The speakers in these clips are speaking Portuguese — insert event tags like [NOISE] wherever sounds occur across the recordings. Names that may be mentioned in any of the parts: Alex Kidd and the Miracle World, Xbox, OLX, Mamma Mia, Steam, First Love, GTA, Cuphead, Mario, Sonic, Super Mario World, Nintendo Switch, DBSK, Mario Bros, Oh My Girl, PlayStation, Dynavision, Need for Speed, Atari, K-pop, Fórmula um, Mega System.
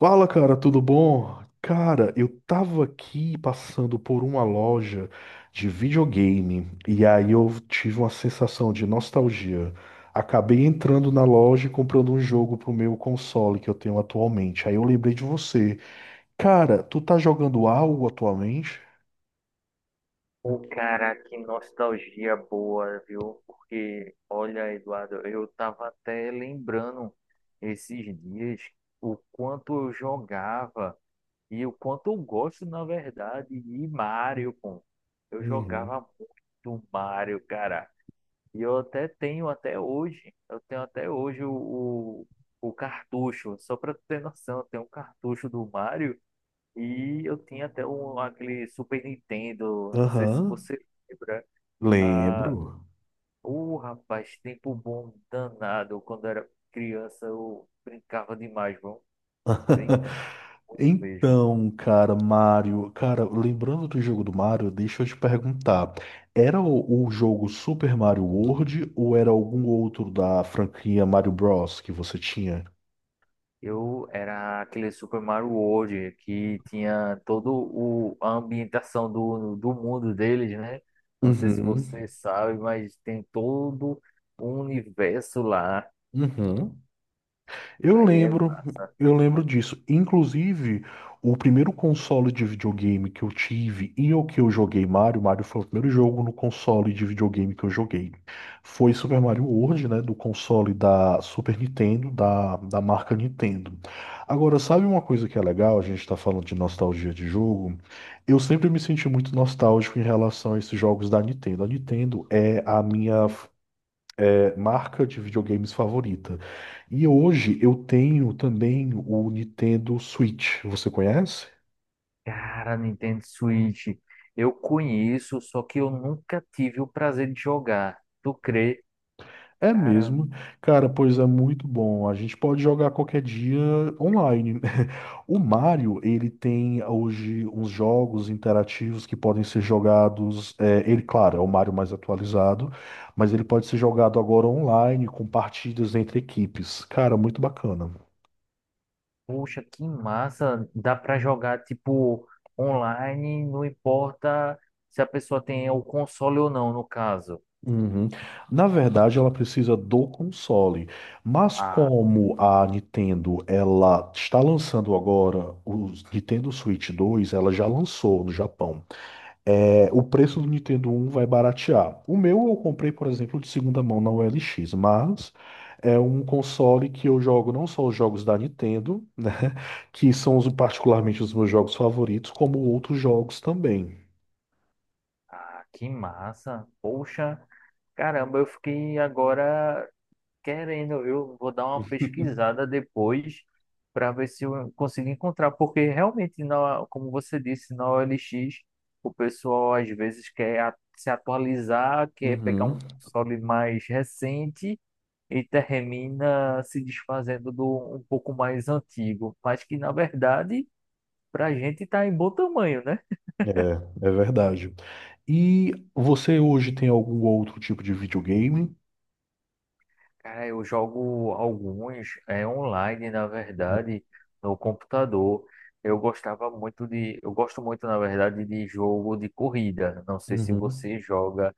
Fala, cara, tudo bom? Cara, eu tava aqui passando por uma loja de videogame e aí eu tive uma sensação de nostalgia. Acabei entrando na loja e comprando um jogo pro meu console que eu tenho atualmente. Aí eu lembrei de você. Cara, tu tá jogando algo atualmente? Pô, cara, que nostalgia boa, viu? Porque, olha, Eduardo, eu tava até lembrando esses dias o quanto eu jogava e o quanto eu gosto, na verdade, de Mario, pô. Eu Uhum. jogava muito Mario, cara. Eu tenho até hoje o, o cartucho, só pra tu ter noção, eu tenho um cartucho do Mario. E eu tinha até um, aquele Super Nintendo, não sei se Aham, você lembra. Ah, lembro. o rapaz, tempo bom danado. Quando era criança, eu brincava demais, bom. [LAUGHS] Brincava muito mesmo. Então, cara, Mario, cara, lembrando do jogo do Mario, deixa eu te perguntar, era o jogo Super Mario World ou era algum outro da franquia Mario Bros que você tinha? Eu era aquele Super Mario World que tinha a ambientação do mundo deles, né? Não sei se Uhum, você sabe, mas tem todo o universo lá. uhum. Eu Aí é lembro, massa. eu lembro disso. Inclusive, o primeiro console de videogame que eu tive e o que eu joguei Mario, Mario foi o primeiro jogo no console de videogame que eu joguei. Foi Super Mario World, né, do console da Super Nintendo, da marca Nintendo. Agora, sabe uma coisa que é legal? A gente está falando de nostalgia de jogo. Eu sempre me senti muito nostálgico em relação a esses jogos da Nintendo. A Nintendo é a minha marca de videogames favorita. E hoje eu tenho também o Nintendo Switch. Você conhece? Cara, Nintendo Switch, eu conheço, só que eu nunca tive o prazer de jogar. Tu crê? É Cara, mesmo? Cara, pois é muito bom. A gente pode jogar qualquer dia online. [LAUGHS] O Mario, ele tem hoje uns jogos interativos que podem ser jogados. Ele, claro, é o Mario mais atualizado, mas ele pode ser jogado agora online com partidas entre equipes. Cara, muito bacana. poxa, que massa! Dá pra jogar tipo online, não importa se a pessoa tem o console ou não, no caso. Uhum. Na verdade, ela precisa do console, mas Ah, como a Nintendo ela está lançando agora o Nintendo Switch 2, ela já lançou no Japão. É, o preço do Nintendo 1 vai baratear. O meu eu comprei, por exemplo, de segunda mão na OLX, mas é um console que eu jogo não só os jogos da Nintendo, [LAUGHS] né, que são particularmente os meus jogos favoritos, como outros jogos também. ah, que massa! Poxa, caramba, eu fiquei agora querendo, eu vou dar uma pesquisada depois para ver se eu consigo encontrar, porque realmente, na, como você disse, na OLX, o pessoal às vezes quer se atualizar, quer pegar Uhum. um console mais recente e termina se desfazendo do um pouco mais antigo, mas que na verdade, para a gente está em bom tamanho, né? É, é verdade. E você hoje tem algum outro tipo de videogame? Cara, eu jogo alguns online, na Uhum. verdade, no computador. Eu gostava muito de, eu gosto muito, na verdade, de jogo de corrida. Não sei se Uhum. você joga,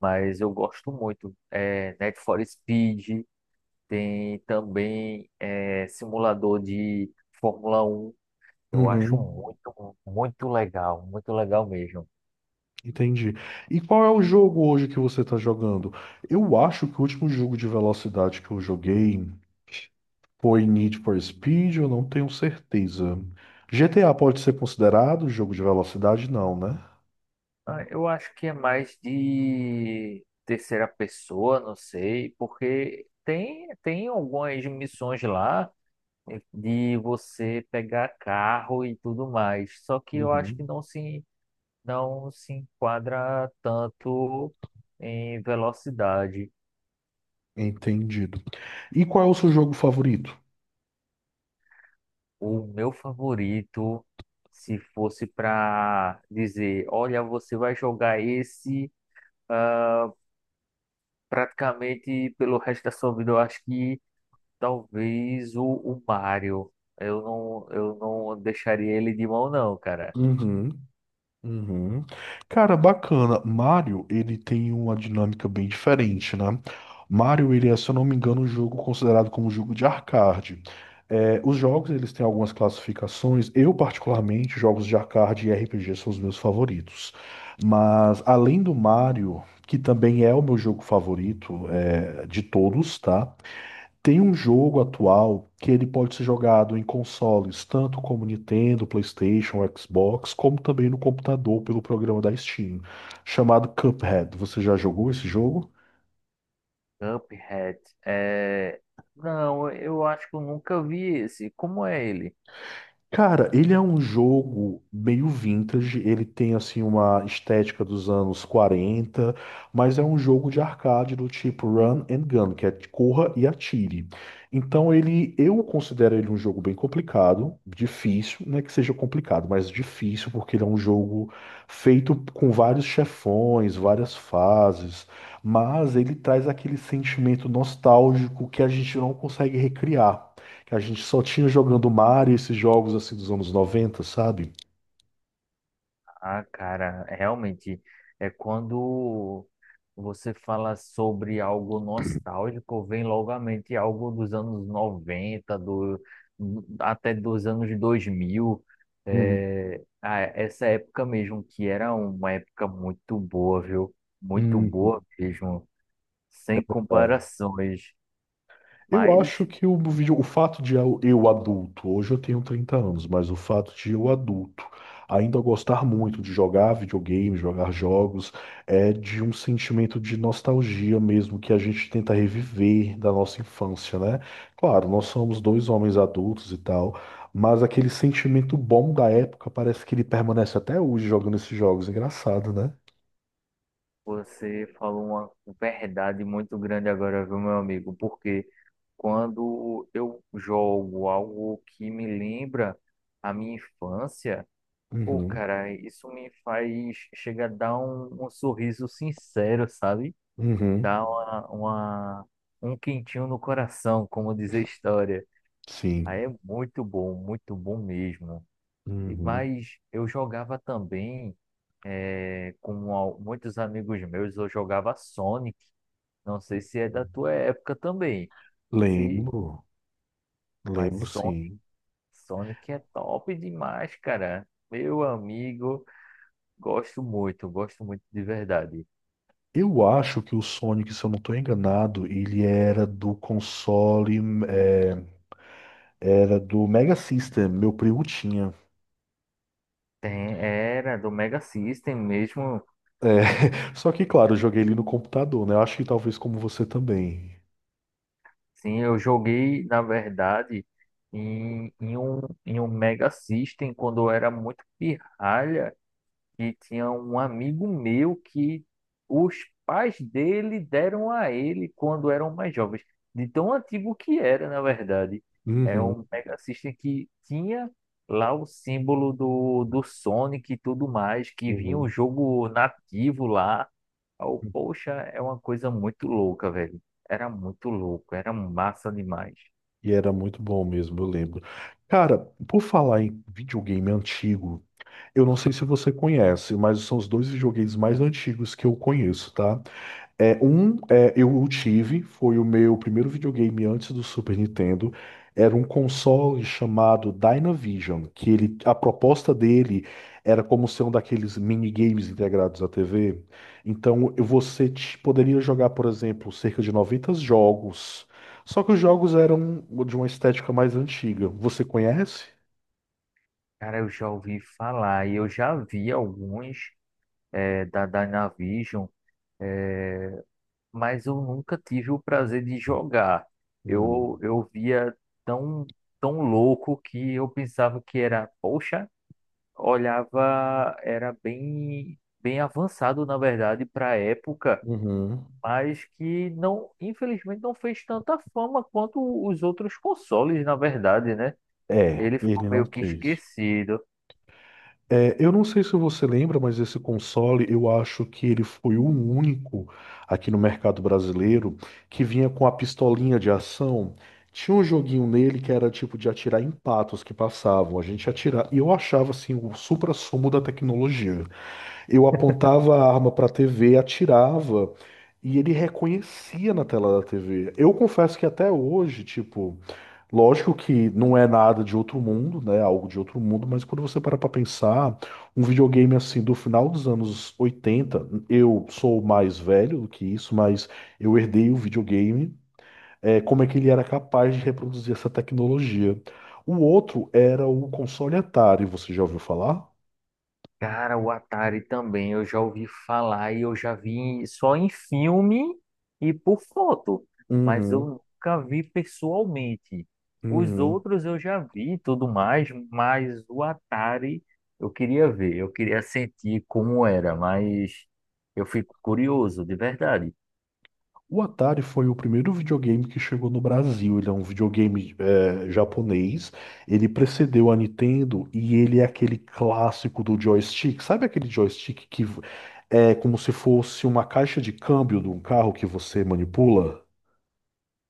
mas eu gosto muito. É, Need for Speed, tem também simulador de Fórmula 1. Eu acho Uhum. muito, muito legal mesmo. Entendi. E qual é o jogo hoje que você está jogando? Eu acho que o último jogo de velocidade que eu joguei foi Need for Speed, eu não tenho certeza. GTA pode ser considerado jogo de velocidade? Não, né? Ah, eu acho que é mais de terceira pessoa, não sei, porque tem algumas missões lá de você pegar carro e tudo mais. Só que eu acho que Uhum. não se enquadra tanto em velocidade. Entendido. E qual é o seu jogo favorito? O meu favorito, se fosse para dizer, olha, você vai jogar esse, ah, praticamente pelo resto da sua vida, eu acho que. Talvez o Mario. Eu não deixaria ele de mão, não, cara. Uhum. Uhum. Cara, bacana. Mario, ele tem uma dinâmica bem diferente, né? Mario, ele é, se eu não me engano, um jogo considerado como um jogo de arcade. É, os jogos, eles têm algumas classificações. Eu, particularmente, jogos de arcade e RPG são os meus favoritos. Mas, além do Mario, que também é o meu jogo favorito, de todos, tá? Tem um jogo atual que ele pode ser jogado em consoles, tanto como Nintendo, PlayStation, Xbox, como também no computador pelo programa da Steam, chamado Cuphead. Você já jogou esse jogo? Cuphead. É. Não, eu acho que eu nunca vi esse. Como é ele? Cara, ele é um jogo meio vintage, ele tem assim uma estética dos anos 40, mas é um jogo de arcade do tipo run and gun, que é corra e atire. Então ele, eu considero ele um jogo bem complicado, difícil, não é que seja complicado, mas difícil porque ele é um jogo feito com vários chefões, várias fases, mas ele traz aquele sentimento nostálgico que a gente não consegue recriar que a gente só tinha jogando Mario, esses jogos assim dos anos 90, sabe? Ah, cara, realmente é quando você fala sobre algo nostálgico, vem logo à mente algo dos anos 90 do, até dos anos 2000. Uhum. É, ah, essa época mesmo, que era uma época muito boa, viu? Muito Uhum. boa mesmo, sem Verdade. comparações. Eu acho Mas que o vídeo, o fato de eu adulto, hoje eu tenho 30 anos, mas o fato de eu adulto ainda gostar muito de jogar videogame, jogar jogos, é de um sentimento de nostalgia mesmo que a gente tenta reviver da nossa infância, né? Claro, nós somos dois homens adultos e tal, mas aquele sentimento bom da época parece que ele permanece até hoje jogando esses jogos, engraçado, né? você falou uma verdade muito grande agora, viu, meu amigo? Porque quando eu jogo algo que me lembra a minha infância, pô, Uhum, cara, isso me faz chegar a dar um sorriso sincero, sabe? uhum, Dá um quentinho no coração, como diz a história. sim. Aí é muito bom mesmo. Uhum. Mas eu jogava também com muitos amigos meus, eu jogava Sonic. Não sei se é da tua época também. Se, Lembro, mas lembro Sonic, sim. Sonic é top demais, cara. Meu amigo, gosto muito de verdade. Eu acho que o Sonic, se eu não estou enganado, ele era do console, é, era do Mega System, meu primo tinha. Tem, era do Mega System mesmo. É, [LAUGHS] só que, claro, eu joguei ele no computador, né? Eu acho que talvez como você também. Sim, eu joguei, na verdade, em um Mega System quando eu era muito pirralha. E tinha um amigo meu que os pais dele deram a ele quando eram mais jovens, de tão antigo que era, na verdade. É um Uhum, Mega System que tinha lá o símbolo do Sonic e tudo mais, que vinha o uhum. jogo nativo lá. Oh, poxa, é uma coisa muito louca, velho. Era muito louco, era massa demais. E era muito bom mesmo, eu lembro. Cara, por falar em videogame antigo, eu não sei se você conhece, mas são os dois videogames mais antigos que eu conheço, tá? É, foi o meu primeiro videogame antes do Super Nintendo. Era um console chamado Dynavision, que ele, a proposta dele era como ser um daqueles minigames integrados à TV. Então você poderia jogar, por exemplo, cerca de 90 jogos. Só que os jogos eram de uma estética mais antiga. Você conhece? Cara, eu já ouvi falar e eu já vi alguns da Dynavision. eh, mas eu nunca tive o prazer de jogar. Eu, Hum, eu via tão, tão louco que eu pensava que era, poxa, olhava, era bem, bem avançado, na verdade, para a época, uhum. mas que não, infelizmente, não fez tanta fama quanto os outros consoles, na verdade, né? É, Ele ficou ele não meio que teve. esquecido. É, eu não sei se você lembra, mas esse console, eu acho que ele foi o único aqui no mercado brasileiro que vinha com a pistolinha de ação. Tinha um joguinho nele que era tipo de atirar em patos que passavam. A gente atirava. E eu achava assim o supra-sumo da tecnologia. Eu apontava a arma para a TV, atirava e ele reconhecia na tela da TV. Eu confesso que até hoje, tipo. Lógico que não é nada de outro mundo, né? Algo de outro mundo, mas quando você para pra pensar, um videogame assim do final dos anos 80 eu sou mais velho do que isso, mas eu herdei o videogame, como é que ele era capaz de reproduzir essa tecnologia. O outro era o console Atari, você já ouviu falar? Cara, o Atari também, eu já ouvi falar e eu já vi só em filme e por foto, mas eu Uhum, nunca vi pessoalmente. Os uhum. outros eu já vi e tudo mais, mas o Atari eu queria ver, eu queria sentir como era, mas eu fico curioso, de verdade. O Atari foi o primeiro videogame que chegou no Brasil. Ele é um videogame japonês. Ele precedeu a Nintendo e ele é aquele clássico do joystick. Sabe aquele joystick que é como se fosse uma caixa de câmbio de um carro que você manipula?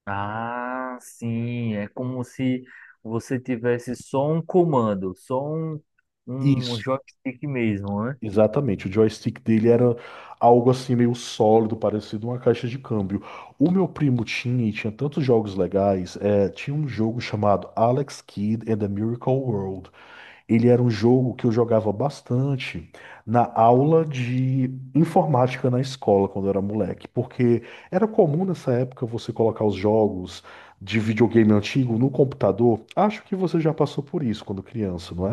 Ah, sim, é como se você tivesse só um comando, só um Isso, joystick mesmo, né? exatamente. O joystick dele era algo assim meio sólido, parecido uma caixa de câmbio. O meu primo tinha e tinha tantos jogos legais. Tinha um jogo chamado Alex Kidd and the Miracle World. Ele era um jogo que eu jogava bastante na aula de informática na escola quando eu era moleque, porque era comum nessa época você colocar os jogos de videogame antigo no computador. Acho que você já passou por isso quando criança, não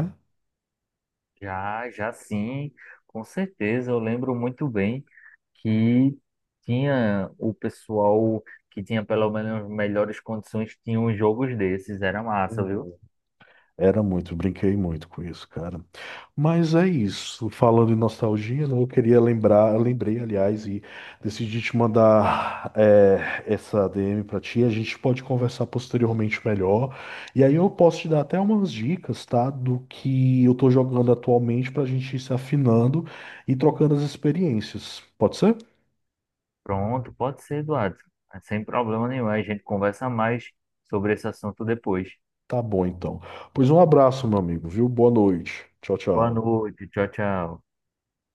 Já, já sim, com certeza. Eu lembro muito bem que tinha o pessoal que tinha pelo menos melhores condições, tinha uns jogos desses, era massa, viu? é? Brinquei muito com isso, cara. Mas é isso. Falando em nostalgia, né, eu lembrei, aliás, e decidi te mandar essa DM pra ti. A gente pode conversar posteriormente melhor. E aí eu posso te dar até umas dicas, tá? Do que eu tô jogando atualmente pra gente ir se afinando e trocando as experiências. Pode ser? Pronto, pode ser, Eduardo. É, sem problema nenhum. A gente conversa mais sobre esse assunto depois. Tá bom, então. Pois um abraço, meu amigo, viu? Boa noite. Tchau, Boa tchau. noite, tchau, tchau.